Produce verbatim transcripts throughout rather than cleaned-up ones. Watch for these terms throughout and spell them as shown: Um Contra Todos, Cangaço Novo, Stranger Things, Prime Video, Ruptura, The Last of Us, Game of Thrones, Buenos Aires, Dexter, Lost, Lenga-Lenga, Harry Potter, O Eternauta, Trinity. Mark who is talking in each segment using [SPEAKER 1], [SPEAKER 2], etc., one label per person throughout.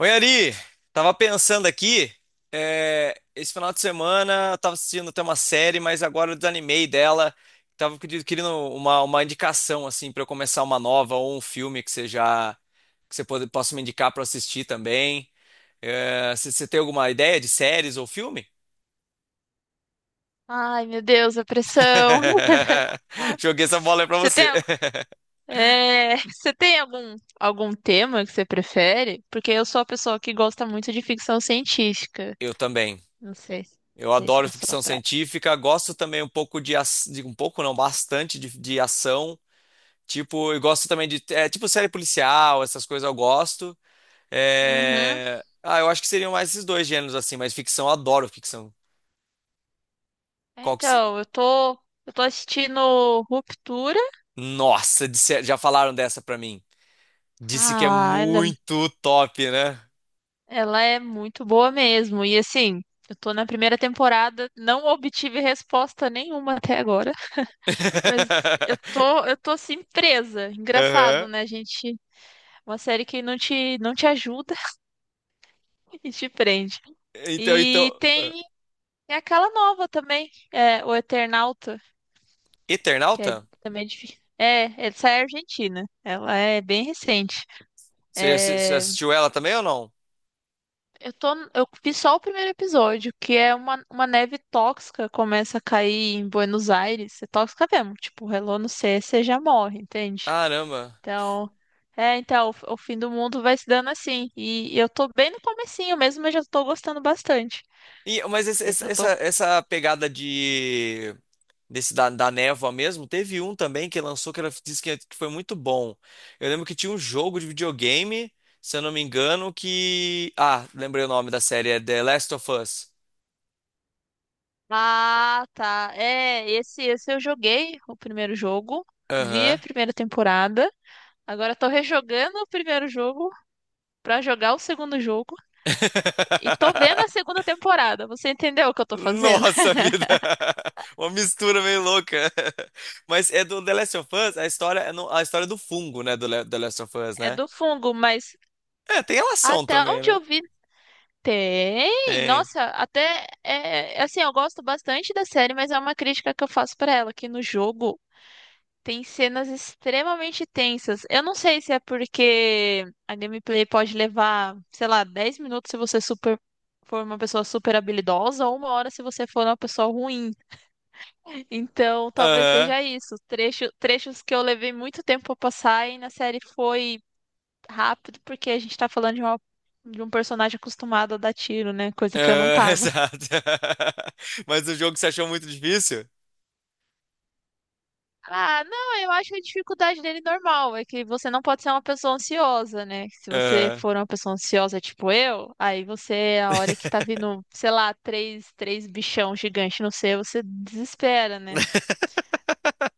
[SPEAKER 1] Oi, Ari! Tava pensando aqui, é, esse final de semana eu tava assistindo até uma série, mas agora eu desanimei dela. Tava querido- querendo uma, uma indicação, assim, para eu começar uma nova ou um filme que você já, que você pode- possa me indicar para assistir também. É, você você tem alguma ideia de séries ou filme?
[SPEAKER 2] Ai, meu Deus, a pressão.
[SPEAKER 1] Joguei essa bola aí pra
[SPEAKER 2] Você tem,
[SPEAKER 1] você.
[SPEAKER 2] algu- é, você tem algum, algum tema que você prefere? Porque eu sou a pessoa que gosta muito de ficção científica.
[SPEAKER 1] Eu também.
[SPEAKER 2] Não sei, não
[SPEAKER 1] Eu
[SPEAKER 2] sei se é
[SPEAKER 1] adoro
[SPEAKER 2] a sua
[SPEAKER 1] ficção
[SPEAKER 2] praia.
[SPEAKER 1] científica, gosto também um pouco de, ac- de um pouco não, bastante de de ação. Tipo, eu gosto também de. É, tipo, série policial, essas coisas eu gosto.
[SPEAKER 2] Uhum.
[SPEAKER 1] É... Ah, eu acho que seriam mais esses dois gêneros, assim, mas ficção, eu adoro ficção.
[SPEAKER 2] É,
[SPEAKER 1] Qual que se...
[SPEAKER 2] então, eu tô, eu tô assistindo Ruptura.
[SPEAKER 1] Nossa, disse- já falaram dessa pra mim. Disse que é
[SPEAKER 2] Ah, ela,
[SPEAKER 1] muito top, né?
[SPEAKER 2] ela é muito boa mesmo. E assim, eu tô na primeira temporada, não obtive resposta nenhuma até agora. Mas eu tô, eu tô assim, presa. Engraçado,
[SPEAKER 1] Aham.
[SPEAKER 2] né? A gente. Uma série que não te, não te ajuda e te prende.
[SPEAKER 1] Então,
[SPEAKER 2] E
[SPEAKER 1] então.
[SPEAKER 2] tem aquela nova também, é, O Eternauta, que é
[SPEAKER 1] Eternauta?
[SPEAKER 2] também difícil. É, essa é argentina. Ela é bem recente.
[SPEAKER 1] Você já assi- você
[SPEAKER 2] É,
[SPEAKER 1] assistiu ela também ou não?
[SPEAKER 2] eu tô, eu vi só o primeiro episódio, que é uma, uma neve tóxica começa a cair em Buenos Aires. É tóxica mesmo. Tipo, relou no C, você já morre, entende?
[SPEAKER 1] Caramba.
[SPEAKER 2] Então, é, então, o, o fim do mundo vai se dando assim. E eu tô bem no comecinho mesmo, mas já tô gostando bastante.
[SPEAKER 1] E, mas esse- esse-
[SPEAKER 2] Esse eu
[SPEAKER 1] essa,
[SPEAKER 2] tô.
[SPEAKER 1] essa pegada de desse da, da névoa mesmo, teve um também que lançou que era, disse que é, que foi muito bom. Eu lembro que tinha um jogo de videogame, se eu não me engano, que. Ah, lembrei o nome da série, é The Last of Us.
[SPEAKER 2] Ah, tá. É, esse, esse eu joguei o primeiro jogo, vi a
[SPEAKER 1] Aham.
[SPEAKER 2] primeira temporada. Agora tô rejogando o primeiro jogo pra jogar o segundo jogo e tô vendo a segunda temporada. Você entendeu o que eu tô fazendo?
[SPEAKER 1] Nossa vida! Uma mistura meio louca. Mas é do The Last of Us, a história é no- a história do fungo, né? Do Le- The Last of Us,
[SPEAKER 2] É
[SPEAKER 1] né?
[SPEAKER 2] do fungo, mas
[SPEAKER 1] É, tem relação
[SPEAKER 2] até
[SPEAKER 1] também,
[SPEAKER 2] onde
[SPEAKER 1] né?
[SPEAKER 2] eu vi tem.
[SPEAKER 1] Tem.
[SPEAKER 2] Nossa, até é é assim, eu gosto bastante da série, mas é uma crítica que eu faço pra ela, que no jogo tem cenas extremamente tensas. Eu não sei se é porque a gameplay pode levar, sei lá, dez minutos se você super for uma pessoa super habilidosa ou uma hora se você for uma pessoa ruim. Então, talvez
[SPEAKER 1] Aham.
[SPEAKER 2] seja isso. Trecho, trechos que eu levei muito tempo pra passar e na série foi rápido porque a gente tá falando de uma- de um personagem acostumado a dar tiro, né? Coisa que eu não
[SPEAKER 1] Ah,
[SPEAKER 2] tava.
[SPEAKER 1] exato. Mas o jogo você achou muito difícil?
[SPEAKER 2] Ah, não, eu acho a dificuldade dele normal. É que você não pode ser uma pessoa ansiosa, né? Se você
[SPEAKER 1] Aham.
[SPEAKER 2] for uma pessoa ansiosa, tipo eu, aí você, a hora que tá vindo, sei lá, três, três bichão gigante no seu, você desespera, né?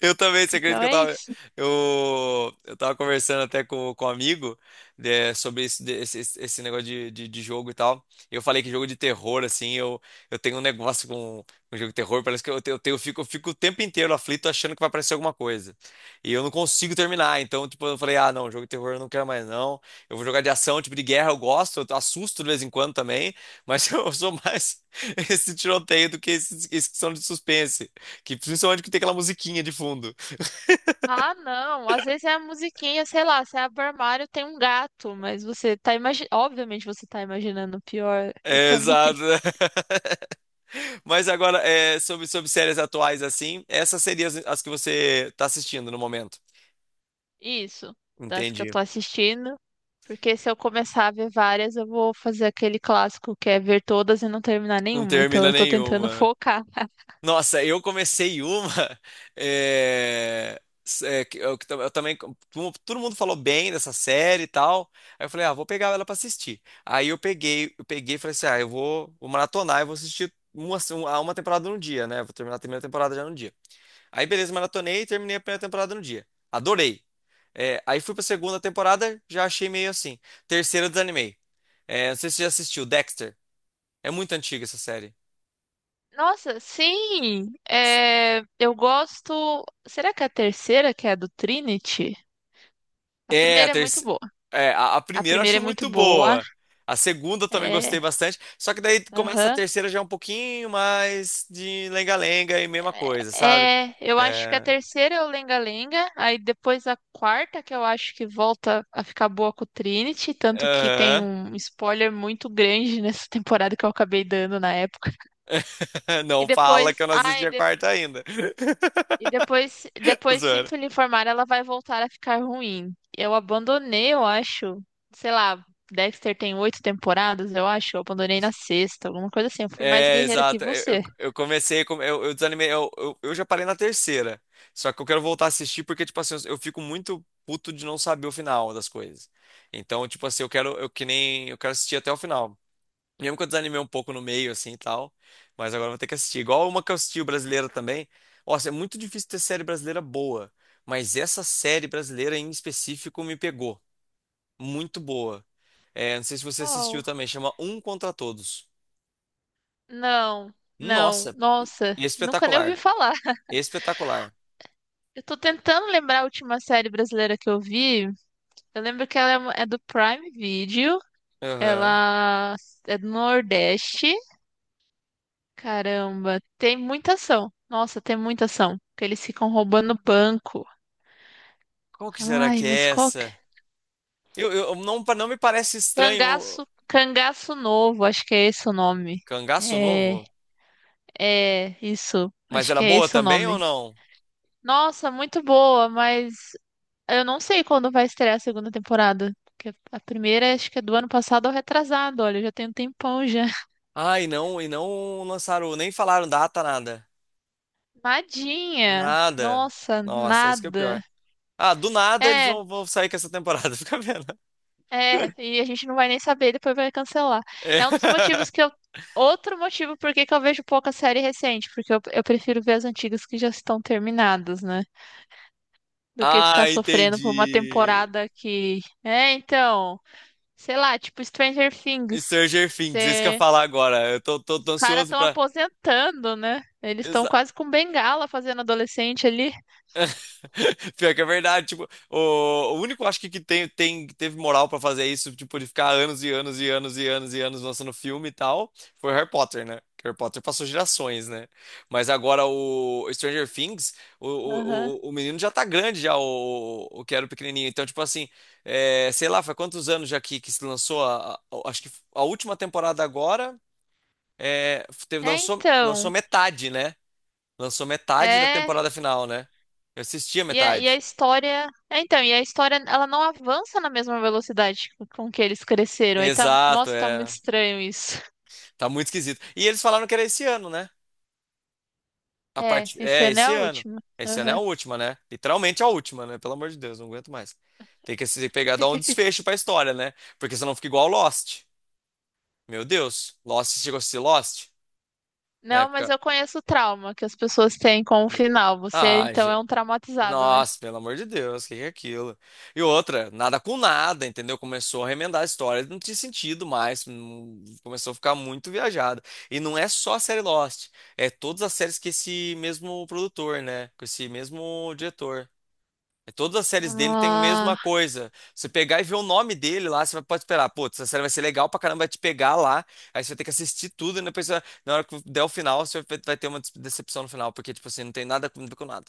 [SPEAKER 1] Eu também, você acredita
[SPEAKER 2] Então
[SPEAKER 1] que eu
[SPEAKER 2] é
[SPEAKER 1] tava,
[SPEAKER 2] isso.
[SPEAKER 1] eu, eu tava conversando até com, com, um amigo, né, sobre esse, de- esse, esse esse negócio de, de, de jogo e tal. E eu falei que jogo de terror, assim, eu, eu, tenho um negócio com, com jogo de terror, parece que eu, tenho, eu, tenho- eu fico, eu fico o tempo inteiro aflito achando que vai aparecer alguma coisa. E eu não consigo terminar, então, tipo, eu falei, ah, não, jogo de terror eu não quero mais, não. Eu vou jogar de ação, tipo, de guerra eu gosto, eu assusto de vez em quando também, mas eu sou mais esse tiroteio do que esses esses que são de suspense. Que principalmente que tem aquela musiquinha de fundo.
[SPEAKER 2] Ah, não. Às vezes é a musiquinha, sei lá, você abre o armário, tem um gato, mas você tá imaginando. Obviamente você tá imaginando o pior. Eu
[SPEAKER 1] É,
[SPEAKER 2] também.
[SPEAKER 1] exato. Mas agora, é, sobre, sobre, séries atuais assim, essas seriam as, as que você tá assistindo no momento.
[SPEAKER 2] Isso, das que eu
[SPEAKER 1] Entendi.
[SPEAKER 2] tô assistindo. Porque se eu começar a ver várias, eu vou fazer aquele clássico que é ver todas e não terminar
[SPEAKER 1] Não
[SPEAKER 2] nenhuma. Então
[SPEAKER 1] termina
[SPEAKER 2] eu tô tentando
[SPEAKER 1] nenhuma.
[SPEAKER 2] focar.
[SPEAKER 1] Nossa, eu comecei uma. é, é, que eu, que tam- eu também. tu- Todo mundo falou bem dessa série e tal. Aí eu falei, ah, vou pegar ela pra assistir. Aí eu peguei, eu peguei, e falei assim: ah, eu vou, vou maratonar e vou assistir uma, uma, uma temporada no dia, né? Vou terminar a primeira temporada já no dia. Aí, beleza, maratonei e terminei a primeira temporada no dia. Adorei. É, aí fui pra segunda temporada, já achei meio assim. Terceira, desanimei. É, não sei se você já assistiu, Dexter. É muito antiga essa série.
[SPEAKER 2] Nossa, sim! É, eu gosto. Será que é a terceira, que é a do Trinity? A
[SPEAKER 1] É, a
[SPEAKER 2] primeira é muito
[SPEAKER 1] terceira.
[SPEAKER 2] boa.
[SPEAKER 1] a, a
[SPEAKER 2] A
[SPEAKER 1] primeira eu
[SPEAKER 2] primeira
[SPEAKER 1] acho
[SPEAKER 2] é muito
[SPEAKER 1] muito
[SPEAKER 2] boa.
[SPEAKER 1] boa. A segunda eu também gostei
[SPEAKER 2] É.
[SPEAKER 1] bastante. Só que daí começa a
[SPEAKER 2] Aham.
[SPEAKER 1] terceira já é um pouquinho mais de lenga-lenga e mesma coisa, sabe?
[SPEAKER 2] É, eu acho que a
[SPEAKER 1] É,
[SPEAKER 2] terceira é o Lenga-Lenga, aí depois a quarta, que eu acho que volta a ficar boa com o Trinity, tanto que tem
[SPEAKER 1] aham.
[SPEAKER 2] um spoiler muito grande nessa temporada que eu acabei dando na época. E
[SPEAKER 1] Não fala que
[SPEAKER 2] depois,
[SPEAKER 1] eu não
[SPEAKER 2] ai,
[SPEAKER 1] assisti
[SPEAKER 2] e,
[SPEAKER 1] a
[SPEAKER 2] de-
[SPEAKER 1] quarta ainda.
[SPEAKER 2] e depois, depois sinto lhe informar, ela vai voltar a ficar ruim. Eu abandonei, eu acho, sei lá, Dexter tem oito temporadas, eu acho, eu abandonei na sexta, alguma coisa assim, eu fui mais
[SPEAKER 1] É,
[SPEAKER 2] guerreira que
[SPEAKER 1] exato. Eu, eu,
[SPEAKER 2] você.
[SPEAKER 1] eu comecei, com- eu, eu desanimei, eu, eu, eu já parei na terceira. Só que eu quero voltar a assistir porque, tipo assim, eu eu fico muito puto de não saber o final das coisas. Então, tipo assim, eu quero, eu que nem, eu quero assistir até o final. Mesmo que eu desanimei um pouco no meio, assim, e tal. Mas agora eu vou ter que assistir. Igual uma que eu assisti brasileira também. Nossa, é muito difícil ter série brasileira boa. Mas essa série brasileira em específico me pegou. Muito boa. É, não sei se você assistiu
[SPEAKER 2] Oh,
[SPEAKER 1] também, chama Um Contra Todos.
[SPEAKER 2] não, não,
[SPEAKER 1] Nossa,
[SPEAKER 2] nossa, nunca nem ouvi
[SPEAKER 1] espetacular.
[SPEAKER 2] falar.
[SPEAKER 1] Espetacular.
[SPEAKER 2] Eu tô tentando lembrar a última série brasileira que eu vi. Eu lembro que ela é uma- é do Prime Video.
[SPEAKER 1] Aham.
[SPEAKER 2] Ela é do Nordeste. Caramba, tem muita ação. Nossa, tem muita ação. Porque eles ficam roubando banco.
[SPEAKER 1] Qual que será
[SPEAKER 2] Ai,
[SPEAKER 1] que
[SPEAKER 2] mas
[SPEAKER 1] é
[SPEAKER 2] qual que é?
[SPEAKER 1] essa? Eu, eu não, pa- não me parece estranho. O.
[SPEAKER 2] Cangaço, Cangaço Novo, acho que é esse o nome.
[SPEAKER 1] Cangaço
[SPEAKER 2] É,
[SPEAKER 1] novo?
[SPEAKER 2] é, isso.
[SPEAKER 1] Mas
[SPEAKER 2] Acho
[SPEAKER 1] era
[SPEAKER 2] que é
[SPEAKER 1] boa
[SPEAKER 2] esse o
[SPEAKER 1] também ou
[SPEAKER 2] nome.
[SPEAKER 1] não?
[SPEAKER 2] Nossa, muito boa, mas eu não sei quando vai estrear a segunda temporada. Porque a primeira acho que é do ano passado ou retrasado. Olha, já tem um tempão já.
[SPEAKER 1] Ah, e não, e não, lançaram, nem falaram data, nada.
[SPEAKER 2] Nadinha!
[SPEAKER 1] Nada.
[SPEAKER 2] Nossa,
[SPEAKER 1] Nossa, isso que é o
[SPEAKER 2] nada.
[SPEAKER 1] pior. Ah, do nada eles
[SPEAKER 2] É,
[SPEAKER 1] vão, vão sair com essa temporada, fica vendo.
[SPEAKER 2] é, e a gente não vai nem saber, depois vai cancelar.
[SPEAKER 1] É.
[SPEAKER 2] É um dos motivos que eu. Outro motivo por que que eu vejo pouca série recente, porque eu, eu prefiro ver as antigas que já estão terminadas, né? Do que ficar
[SPEAKER 1] Ah,
[SPEAKER 2] sofrendo por uma
[SPEAKER 1] entendi.
[SPEAKER 2] temporada que. É, então. Sei lá, tipo Stranger Things.
[SPEAKER 1] Stranger Things, é isso que eu ia falar agora. Eu tô, tô, tô
[SPEAKER 2] Os caras
[SPEAKER 1] ansioso
[SPEAKER 2] estão
[SPEAKER 1] pra.
[SPEAKER 2] aposentando, né? Eles estão quase com bengala fazendo adolescente ali.
[SPEAKER 1] Pior que é verdade, tipo, o, o único acho que, que tem, tem, que teve moral pra fazer isso, tipo, de ficar anos e anos e anos e anos e anos lançando filme e tal, foi Harry Potter, né? Que Harry Potter passou gerações, né? Mas agora o Stranger Things, o,
[SPEAKER 2] Aham.
[SPEAKER 1] o, o o menino já tá grande, já, o, o que era o pequenininho. Então, tipo assim, é, sei lá, faz quantos anos já que, que se lançou a, a- acho que a última temporada agora, é, teve,
[SPEAKER 2] É,
[SPEAKER 1] lançou, lançou
[SPEAKER 2] então.
[SPEAKER 1] metade, né? Lançou metade da
[SPEAKER 2] É.
[SPEAKER 1] temporada final, né? Eu assisti a
[SPEAKER 2] E a, e a
[SPEAKER 1] metade.
[SPEAKER 2] história. É, então, e a história, ela não avança na mesma velocidade com que eles cresceram. Aí tá.
[SPEAKER 1] Exato,
[SPEAKER 2] Nossa, tá muito
[SPEAKER 1] é.
[SPEAKER 2] estranho isso.
[SPEAKER 1] Tá muito esquisito. E eles falaram que era esse ano, né? A
[SPEAKER 2] É,
[SPEAKER 1] parte
[SPEAKER 2] esse
[SPEAKER 1] é
[SPEAKER 2] ano é
[SPEAKER 1] esse
[SPEAKER 2] a
[SPEAKER 1] ano.
[SPEAKER 2] última.
[SPEAKER 1] Esse ano é a
[SPEAKER 2] Aham.
[SPEAKER 1] última, né? Literalmente a última, né? Pelo amor de Deus, não aguento mais. Tem que se pegar dar um desfecho pra história, né? Porque senão fica igual Lost. Meu Deus, Lost chegou a ser Lost na
[SPEAKER 2] Não, mas
[SPEAKER 1] época.
[SPEAKER 2] eu conheço o trauma que as pessoas têm com o final. Você,
[SPEAKER 1] Ah,
[SPEAKER 2] então, é um traumatizado, né?
[SPEAKER 1] Nossa, pelo amor de Deus, o que que é aquilo? E outra, nada com nada, entendeu? Começou a remendar a história, não tinha sentido mais, hum, começou a ficar muito viajada. E não é só a série Lost, é todas as séries que esse mesmo produtor, né? Com esse mesmo diretor. É, todas as séries dele têm a mesma
[SPEAKER 2] Ah.
[SPEAKER 1] coisa. Você pegar e ver o nome dele lá, você vai- pode esperar, putz, essa série vai ser legal pra caramba, vai te pegar lá, aí você vai ter que assistir tudo, e depois, você vai- na hora que der o final, você vai vai ter uma decepção no final, porque, tipo assim, não tem nada a ver com nada.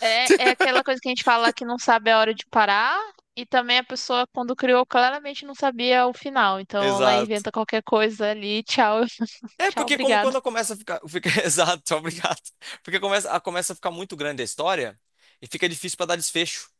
[SPEAKER 2] É, é aquela coisa que a gente fala que não sabe a hora de parar, e também a pessoa, quando criou, claramente não sabia o final. Então ela
[SPEAKER 1] Exato.
[SPEAKER 2] inventa qualquer coisa ali. Tchau,
[SPEAKER 1] É,
[SPEAKER 2] tchau,
[SPEAKER 1] porque como
[SPEAKER 2] obrigado.
[SPEAKER 1] quando começa a ficar, fica, exato, obrigado. Porque começa, a- começa a ficar muito grande a história e fica difícil pra dar desfecho,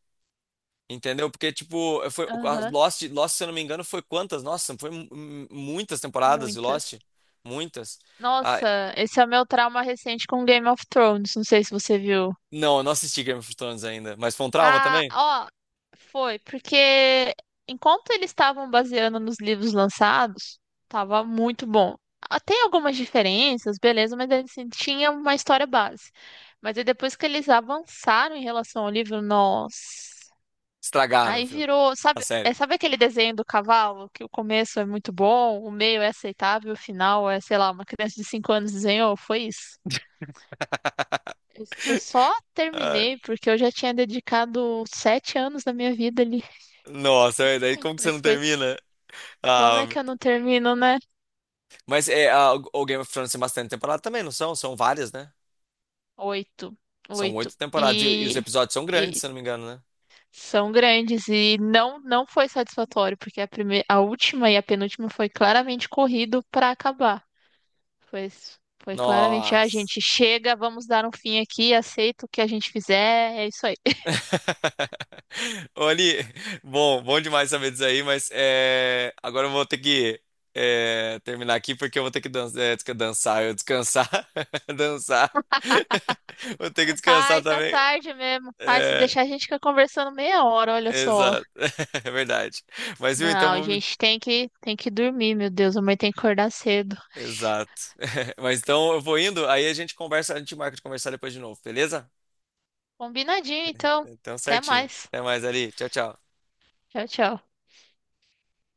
[SPEAKER 1] entendeu? Porque tipo, foi a
[SPEAKER 2] Aham,
[SPEAKER 1] Lost, Lost, se eu não me engano, foi quantas? Nossa, foi mu- mu- muitas temporadas de
[SPEAKER 2] muitas.
[SPEAKER 1] Lost, muitas. Ah,
[SPEAKER 2] Nossa, esse é o meu trauma recente com Game of Thrones. Não sei se você viu.
[SPEAKER 1] não, eu não assisti Game of Thrones ainda, mas foi um trauma
[SPEAKER 2] Ah,
[SPEAKER 1] também.
[SPEAKER 2] ó, foi, porque enquanto eles estavam baseando nos livros lançados, tava muito bom. Ah, tem algumas diferenças, beleza, mas assim, tinha uma história base. Mas aí depois que eles avançaram em relação ao livro, nossa,
[SPEAKER 1] Estragaram o
[SPEAKER 2] aí
[SPEAKER 1] filme,
[SPEAKER 2] virou,
[SPEAKER 1] a
[SPEAKER 2] sabe, é,
[SPEAKER 1] sério.
[SPEAKER 2] sabe aquele desenho do cavalo, que o começo é muito bom, o meio é aceitável, o final é, sei lá, uma criança de cinco anos desenhou, foi isso. Eu eu só
[SPEAKER 1] Ah,
[SPEAKER 2] terminei porque eu já tinha dedicado sete anos da minha vida.
[SPEAKER 1] Nossa, e daí como que você não
[SPEAKER 2] Mas foi.
[SPEAKER 1] termina?
[SPEAKER 2] Como
[SPEAKER 1] Ah,
[SPEAKER 2] é que eu não termino, né?
[SPEAKER 1] mas é, ah, o o Game of Thrones tem bastante temporada também, não são? São várias, né?
[SPEAKER 2] Oito.
[SPEAKER 1] São
[SPEAKER 2] Oito.
[SPEAKER 1] oito temporadas e, e os
[SPEAKER 2] E,
[SPEAKER 1] episódios são grandes,
[SPEAKER 2] e
[SPEAKER 1] se eu não me engano, né?
[SPEAKER 2] são grandes. E não, não foi satisfatório, porque a primeira, a última e a penúltima foi claramente corrido para acabar. Foi, foi claramente, a
[SPEAKER 1] Nossa.
[SPEAKER 2] gente chega, vamos dar um fim aqui, aceita o que a gente fizer, é isso aí.
[SPEAKER 1] Oli, bom, bom demais saber disso aí, mas é, agora eu vou ter que é, terminar aqui porque eu vou ter que dan- é, desca- dançar, eu descansar, dançar. Vou ter que descansar
[SPEAKER 2] Ai, tá
[SPEAKER 1] também.
[SPEAKER 2] tarde mesmo. Ai, se
[SPEAKER 1] É,
[SPEAKER 2] deixar a gente fica conversando meia hora, olha só.
[SPEAKER 1] exato, é verdade. Mas viu, então
[SPEAKER 2] Não, a
[SPEAKER 1] vamos.
[SPEAKER 2] gente tem que, tem que dormir, meu Deus, amanhã tem que acordar cedo.
[SPEAKER 1] Exato. Mas então eu vou indo, aí a gente conversa, a gente marca de conversar depois de novo, beleza?
[SPEAKER 2] Combinadinho, então.
[SPEAKER 1] Então
[SPEAKER 2] Até
[SPEAKER 1] certinho.
[SPEAKER 2] mais.
[SPEAKER 1] Até mais ali. Tchau, tchau.
[SPEAKER 2] Tchau, tchau.